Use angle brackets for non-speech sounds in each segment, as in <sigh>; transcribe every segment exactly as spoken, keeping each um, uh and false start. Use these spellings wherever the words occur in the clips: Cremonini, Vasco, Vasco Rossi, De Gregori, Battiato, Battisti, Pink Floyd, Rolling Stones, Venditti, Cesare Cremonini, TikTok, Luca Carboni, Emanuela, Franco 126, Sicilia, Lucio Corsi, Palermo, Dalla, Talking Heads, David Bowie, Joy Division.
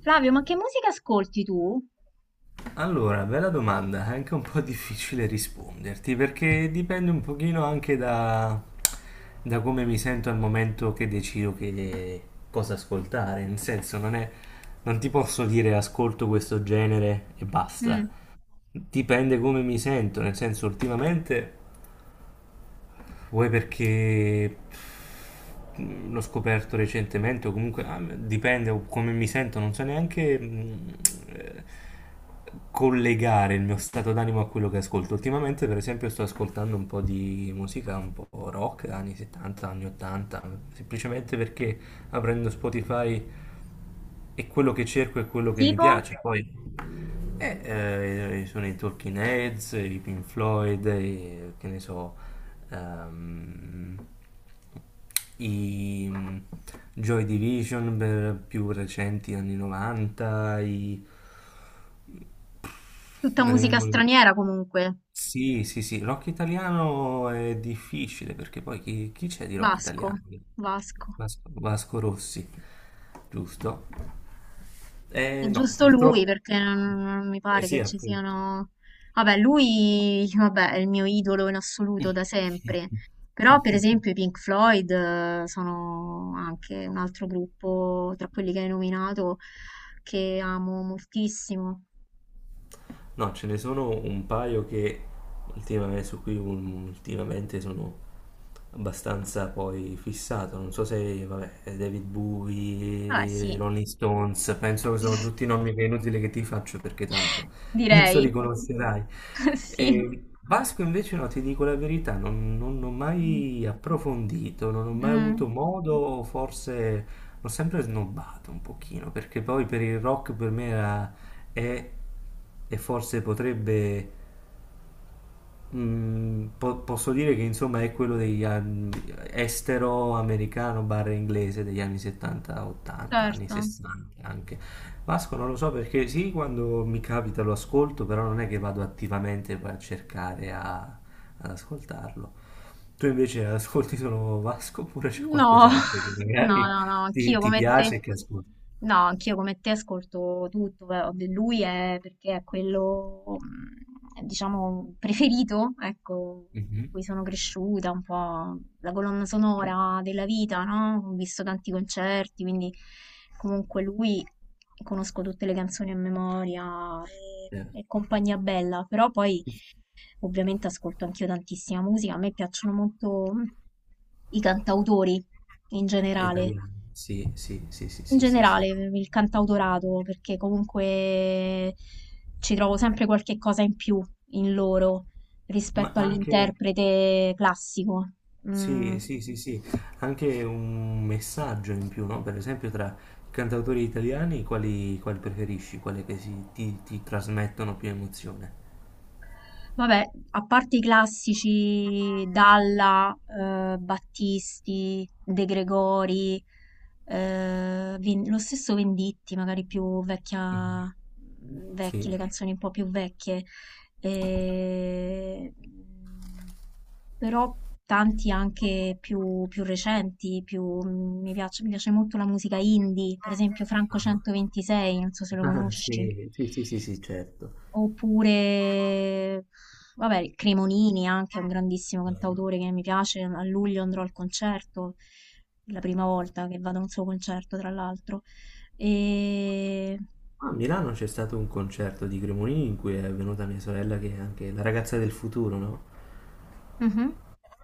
Flavio, ma che musica ascolti tu? Allora, bella domanda, è anche un po' difficile risponderti perché dipende un pochino anche da, da come mi sento al momento che decido che, cosa ascoltare, nel senso non è, non ti posso dire ascolto questo genere e Mm. basta, dipende come mi sento, nel senso ultimamente vuoi perché mh, l'ho scoperto recentemente o comunque ah, dipende o come mi sento, non so neanche mh, eh, collegare il mio stato d'animo a quello che ascolto. Ultimamente, per esempio, sto ascoltando un po' di musica un po' rock, anni settanta, anni ottanta, semplicemente perché aprendo Spotify è quello che cerco, è quello che mi Tipo? piace. Poi eh, eh, sono i Talking Heads, i Pink Floyd, i- che ne so, ehm, i mm, Joy Division per più recenti anni novanta, i... Tutta Me ne musica vengono... straniera comunque. Sì, sì, sì, rock italiano è difficile perché poi chi, chi c'è di rock Vasco, italiano? Vasco. Vasco, Vasco Rossi, giusto? È Eh no, giusto lui purtroppo. perché non, non mi Eh pare sì, che ci appunto. siano. Vabbè, lui, vabbè, è il mio idolo in assoluto da sempre. Però, per esempio, i Pink Floyd eh, sono anche un altro gruppo tra quelli che hai nominato che amo moltissimo. No, ce ne sono un paio che ultimamente, su cui un- ultimamente sono abbastanza poi fissato. Non so se, vabbè, David Vabbè, Bowie, sì, Rolling Stones, penso che sono tutti nomi che è inutile che ti faccio perché <laughs> tanto penso li direi. conoscerai. <laughs> Sì. E Vasco invece no, ti dico la verità, non, non ho mai approfondito, non ho mai Mm. avuto modo, forse l'ho sempre snobbato un pochino, perché poi per il rock per me era, è e forse potrebbe Mm, po- posso dire che insomma è quello degli anni estero americano barra inglese degli anni settanta, ottanta, anni Certo. sessanta anche. Vasco non lo so perché sì, quando mi capita lo ascolto, però non è che vado attivamente poi a cercare a- ad ascoltarlo. Tu invece ascolti solo Vasco oppure c'è No, <laughs> qualcos'altro che no, magari no, no, ti, anch'io ti come te. piace e che ascolti? No, anch'io come te ascolto tutto. Beh, vabbè, lui è perché è quello, mm, diciamo, preferito, ecco, con Mhm. cui sono cresciuta, un po' la colonna sonora della vita, no? Ho visto tanti concerti, quindi comunque lui conosco tutte le canzoni a memoria Eh, e, e compagnia bella. Però poi ovviamente ascolto anch'io tantissima musica. A me piacciono molto mm, i cantautori in generale, italiano, sì, sì, sì, sì, in sì, sì, sì. generale il cantautorato, perché comunque ci trovo sempre qualche cosa in più in loro Ma rispetto anche... all'interprete classico. Mm. Sì, sì, sì, sì, anche un messaggio in più, no? Per esempio tra i cantautori italiani, quali, quali preferisci? Quali che si- ti, ti trasmettono più emozione? Vabbè, a parte i classici Dalla, eh, Battisti, De Gregori, eh, Ven- lo stesso Venditti, magari più Mhm. vecchia, vecchie, Sì. le canzoni un po' più vecchie. Eh, però tanti anche più, più recenti, più, mi piace, mi piace molto la musica indie, per esempio Franco Ah, centoventisei, non so se lo <laughs> conosci. sì, sì, sì, sì, sì, certo. Oppure, vabbè, il Cremonini anche è un grandissimo cantautore che mi piace. A luglio andrò al concerto, la prima volta che vado a un suo concerto, tra l'altro. E. A Milano c'è stato un concerto di Cremonini in cui è venuta mia sorella che è anche la ragazza del futuro, no? Mhm.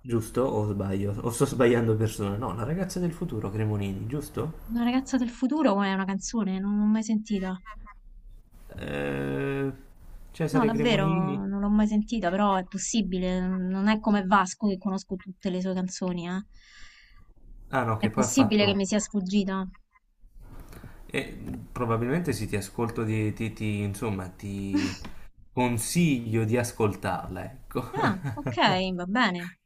Giusto? O sbaglio? O sto sbagliando persona? No, la ragazza del futuro, Cremonini, giusto? Una ragazza del futuro è una canzone, non l'ho mai sentita. Eh, No, Cesare Cremonini. davvero, non l'ho mai sentita, però è possibile. Non è come Vasco che conosco tutte le sue canzoni, eh. Ah no, È che poi ha possibile che fatto... mi sia sfuggita. eh, probabilmente sì, ti ascolto, di, ti, ti- insomma, ti <laughs> consiglio di ascoltarla, ecco. Ah, ok, va bene, <laughs>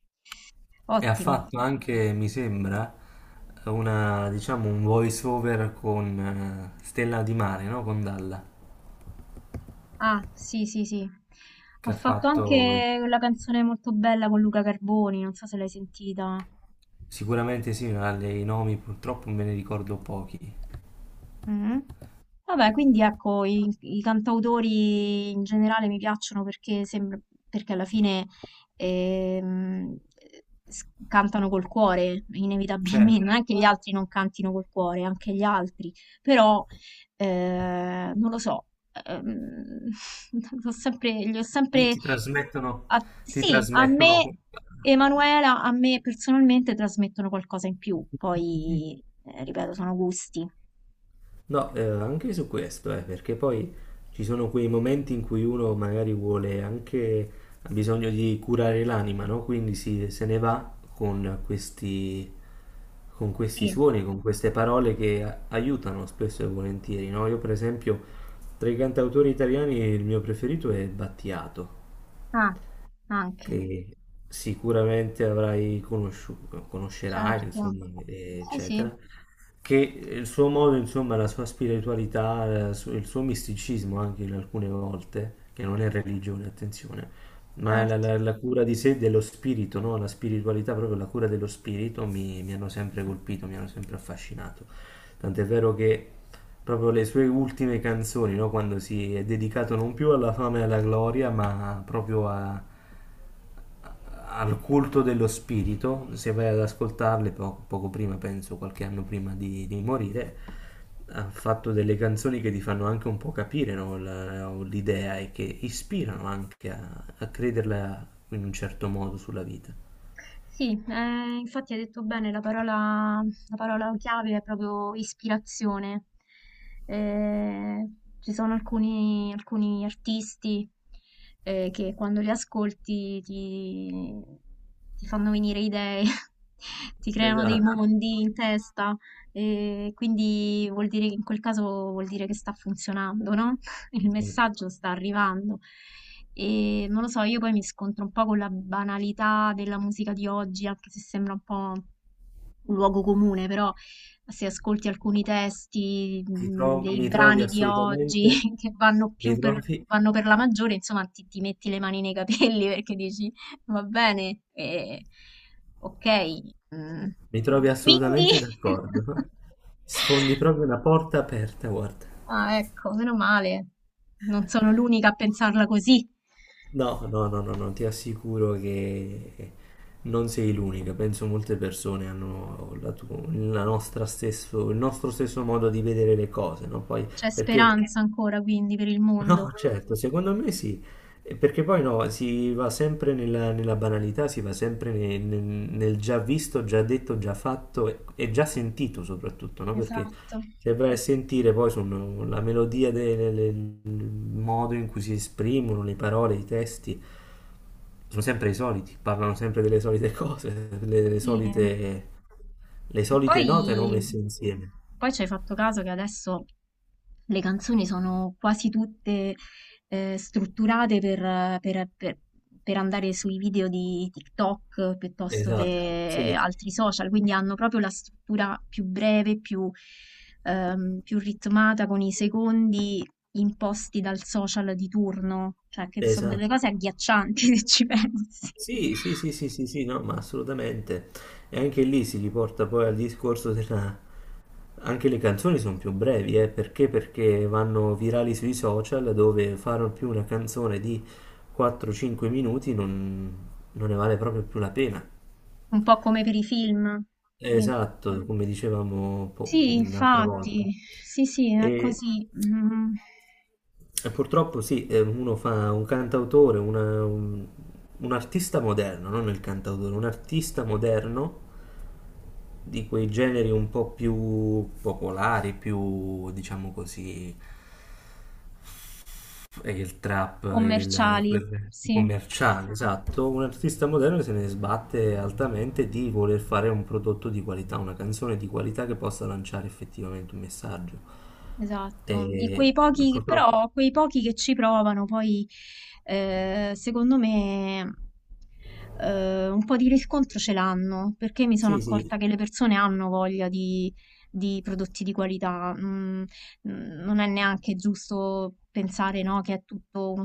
E ha ottimo. fatto anche, mi sembra, una, diciamo, un voice over con eh, Stella di Mare, no? Con Dalla, Ah, sì, sì, sì. Ha che ha fatto fatto... anche quella canzone molto bella con Luca Carboni, non so se l'hai sentita. Sicuramente sì, ma le- i nomi purtroppo me ne ricordo pochi. Mm. Vabbè, quindi ecco, i, i cantautori in generale mi piacciono perché, sembra, perché alla fine ehm, s- cantano col cuore, Certo. inevitabilmente. Non è che gli altri non cantino col cuore, anche gli altri, però eh, non lo so, ehm, <laughs> ho sempre, li ho Ti, sempre ti trasmettono, a- ti sì, a trasmettono. me, Emanuela, a me personalmente trasmettono qualcosa in più. Poi eh, ripeto, sono gusti. No, eh, anche su questo, eh, perché poi ci sono quei momenti in cui uno magari vuole anche, ha bisogno di curare l'anima, no? Quindi si, se ne va con questi, con questi Sì. suoni, con queste parole che a- aiutano spesso e volentieri, no? Io per esempio, tra i cantautori italiani il mio preferito è Battiato, Ah, anche. che sicuramente avrai conosciuto, conoscerai, Certo. insomma, Sì, sì, eccetera, che il suo modo, insomma, la sua spiritualità, la su- il suo misticismo anche in alcune volte, che non è religione, attenzione, ma la, certo. la- la cura di sé, dello spirito, no? La spiritualità, proprio la cura dello spirito mi, mi hanno sempre colpito, mi hanno sempre affascinato. Tant'è vero che proprio le sue ultime canzoni, no? Quando si è dedicato non più alla fama e alla gloria, ma proprio a- al culto dello spirito, se vai ad ascoltarle po- poco prima, penso qualche anno prima di, di morire, ha fatto delle canzoni che ti fanno anche un po' capire no, la- l'idea e che ispirano anche a, a crederla in un certo modo sulla vita. Sì, eh, infatti hai detto bene, la parola, la parola chiave è proprio ispirazione. Eh, Ci sono alcuni, alcuni artisti eh, che quando li ascolti ti, ti fanno venire idee, <laughs> ti creano dei Esatto. mondi in testa, e quindi vuol dire che in quel caso vuol dire che sta funzionando, no? <laughs> Il Esatto. messaggio sta arrivando. E non lo so, io poi mi scontro un po' con la banalità della musica di oggi, anche se sembra un po' un luogo comune, però se ascolti alcuni testi Ti mh, tro- dei mi trovi brani di oggi assolutamente, <laughs> che vanno mi più per, trovi, vanno per la maggiore, insomma, ti, ti metti le mani nei capelli <laughs> perché dici va bene, eh, ok. mm, mi trovi Quindi, assolutamente d'accordo. <laughs> <laughs> Sfondi proprio una porta aperta, guarda. ah, ecco, meno male, non sono l'unica a pensarla così. No, no, no, no, no, ti assicuro che non sei l'unica. Penso molte persone hanno la tu- la nostra stesso, il nostro stesso modo di vedere le cose, no? Poi, C'è perché speranza ancora quindi per il mondo. no, certo, secondo me sì, eh, perché poi no, si va sempre nella, nella banalità, si va sempre ne- nel, nel già visto, già detto, già fatto e, e già sentito soprattutto, no? Perché Esatto, se vai a sentire poi sono la melodia, de- le- le- il modo in cui si esprimono, le parole, i testi, sono sempre i soliti, parlano sempre delle solite cose, delle, delle sì. solite, le E solite note non poi, messe insieme. poi ci hai fatto caso che adesso le canzoni sono quasi tutte eh, strutturate per, per- per- per andare sui video di TikTok piuttosto Esatto, che sì, altri social, quindi hanno proprio la struttura più breve, più, ehm, più ritmata con i secondi imposti dal social di turno, cioè che sono delle esatto. cose agghiaccianti <laughs> se ci pensi, Sì, sì, sì, sì, sì, sì, no, ma assolutamente. E anche lì si riporta poi al discorso della... Anche le canzoni sono più brevi, eh, perché? Perché vanno virali sui social dove fare più una canzone di quattro cinque minuti non, non ne vale proprio più la pena. un po' come per i film. Sì. Esatto, come dicevamo po- Sì, un'altra volta. infatti, sì, sì, è E, così, mm, e purtroppo sì, eh, uno fa un cantautore, una- un, un artista moderno, non il cantautore, un artista moderno di quei generi un po' più popolari, più diciamo così, e il trap, il, commerciali, quel sì, commerciale, esatto, un artista moderno se ne sbatte altamente di voler fare un prodotto di qualità, una canzone di qualità che possa lanciare effettivamente un messaggio. esatto. E E quei pochi, purtroppo, però quei pochi che ci provano, poi eh, secondo me eh, un po' di riscontro ce l'hanno, perché mi sono sì, sì, accorta che le persone hanno voglia di, di prodotti di qualità. Mm, mm, non è neanche giusto pensare, no, che è tutto uno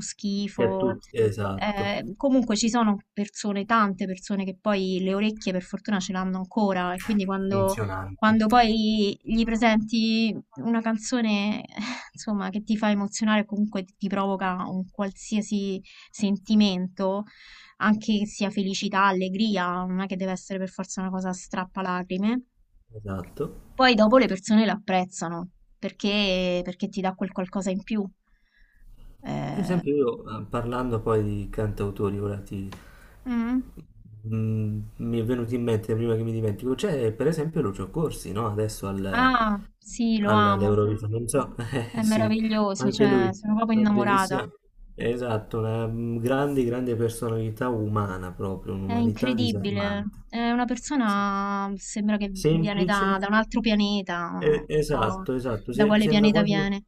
che a schifo. tutti, esatto, Eh, comunque ci sono persone, tante persone che poi le orecchie per fortuna ce l'hanno ancora e quindi quando, funzionanti, quando poi gli presenti una canzone, <laughs> eh, insomma, che ti fa emozionare o comunque ti provoca un qualsiasi sentimento, anche che sia felicità, allegria, non è che deve essere per forza una cosa strappalacrime. esatto. Poi dopo le persone lo apprezzano perché, perché ti dà quel qualcosa in più. Per Eh, esempio io, eh, parlando poi di cantautori, ora ti... mm. Mm, mi è venuto in mente prima che mi dimentico, c'è per esempio Lucio Corsi, no? Adesso al, Ah, sì, lo amo, all'Eurovision, non so, <laughs> eh, è sì, meraviglioso, anche cioè lui, sono proprio una innamorata, bellissima, esatto, una mm, grande, grande personalità umana proprio, è un'umanità incredibile, disarmante. è una Sì. persona, sembra che viene Semplice, da, da un altro pianeta, non eh, so esatto, esatto, da se- quale sembra pianeta quasi viene,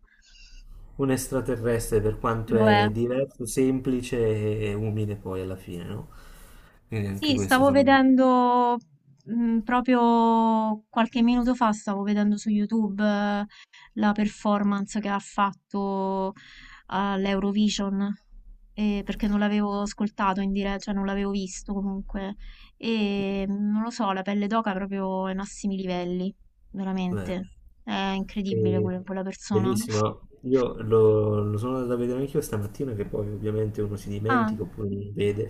un extraterrestre per quanto lo è. è diverso, semplice e umile poi alla fine, no? Quindi anche Sì, questo stavo sono vedendo mm, proprio qualche minuto fa, stavo vedendo su YouTube eh, la performance che ha fatto all'Eurovision, eh, perché non l'avevo ascoltato in diretta, cioè non l'avevo visto comunque. E mm, non lo so, la pelle d'oca è proprio ai massimi livelli, vero. veramente. È incredibile E- quella, quella persona. bellissimo, io lo, lo sono andato a vedere anch'io stamattina che poi ovviamente uno si Ah, dimentica oppure non vede. Mi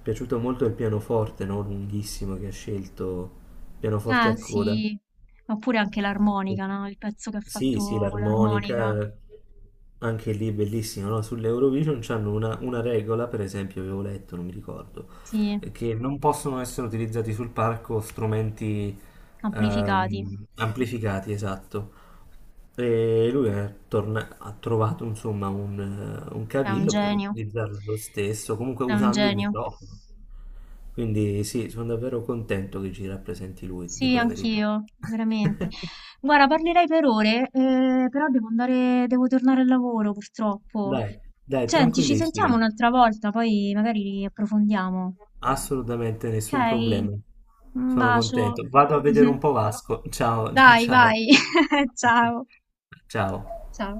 è piaciuto molto il pianoforte, no? Lunghissimo che ha scelto, pianoforte ah, a coda. sì, oppure anche l'armonica, no? Il pezzo che ha Sì, sì, fatto con l'armonica, l'armonica, anche lì è bellissimo, no? Sull'Eurovision c'hanno una, una regola, per esempio, avevo letto, non mi ricordo, sì. eh, che non possono essere utilizzati sul palco strumenti Amplificati. ehm, amplificati, esatto. E lui è torna- ha trovato, insomma, un, eh, un È un cavillo per genio. utilizzarlo lo stesso, comunque È un usando il genio. microfono. Quindi sì, sono davvero contento che ci rappresenti lui, ti Sì, dico la verità. anch'io, veramente. <laughs> Guarda, parlerei per ore, eh, però devo andare, devo tornare al lavoro, purtroppo. Dai, dai, Senti, ci sentiamo tranquillissima. un'altra volta, poi magari approfondiamo. Assolutamente nessun Ok? problema. Un Sono bacio. contento. Vado a vedere un <laughs> po' Vasco. Ciao, <laughs> ciao, Dai, ciao. vai. <laughs> Ciao. Ciao. Ciao.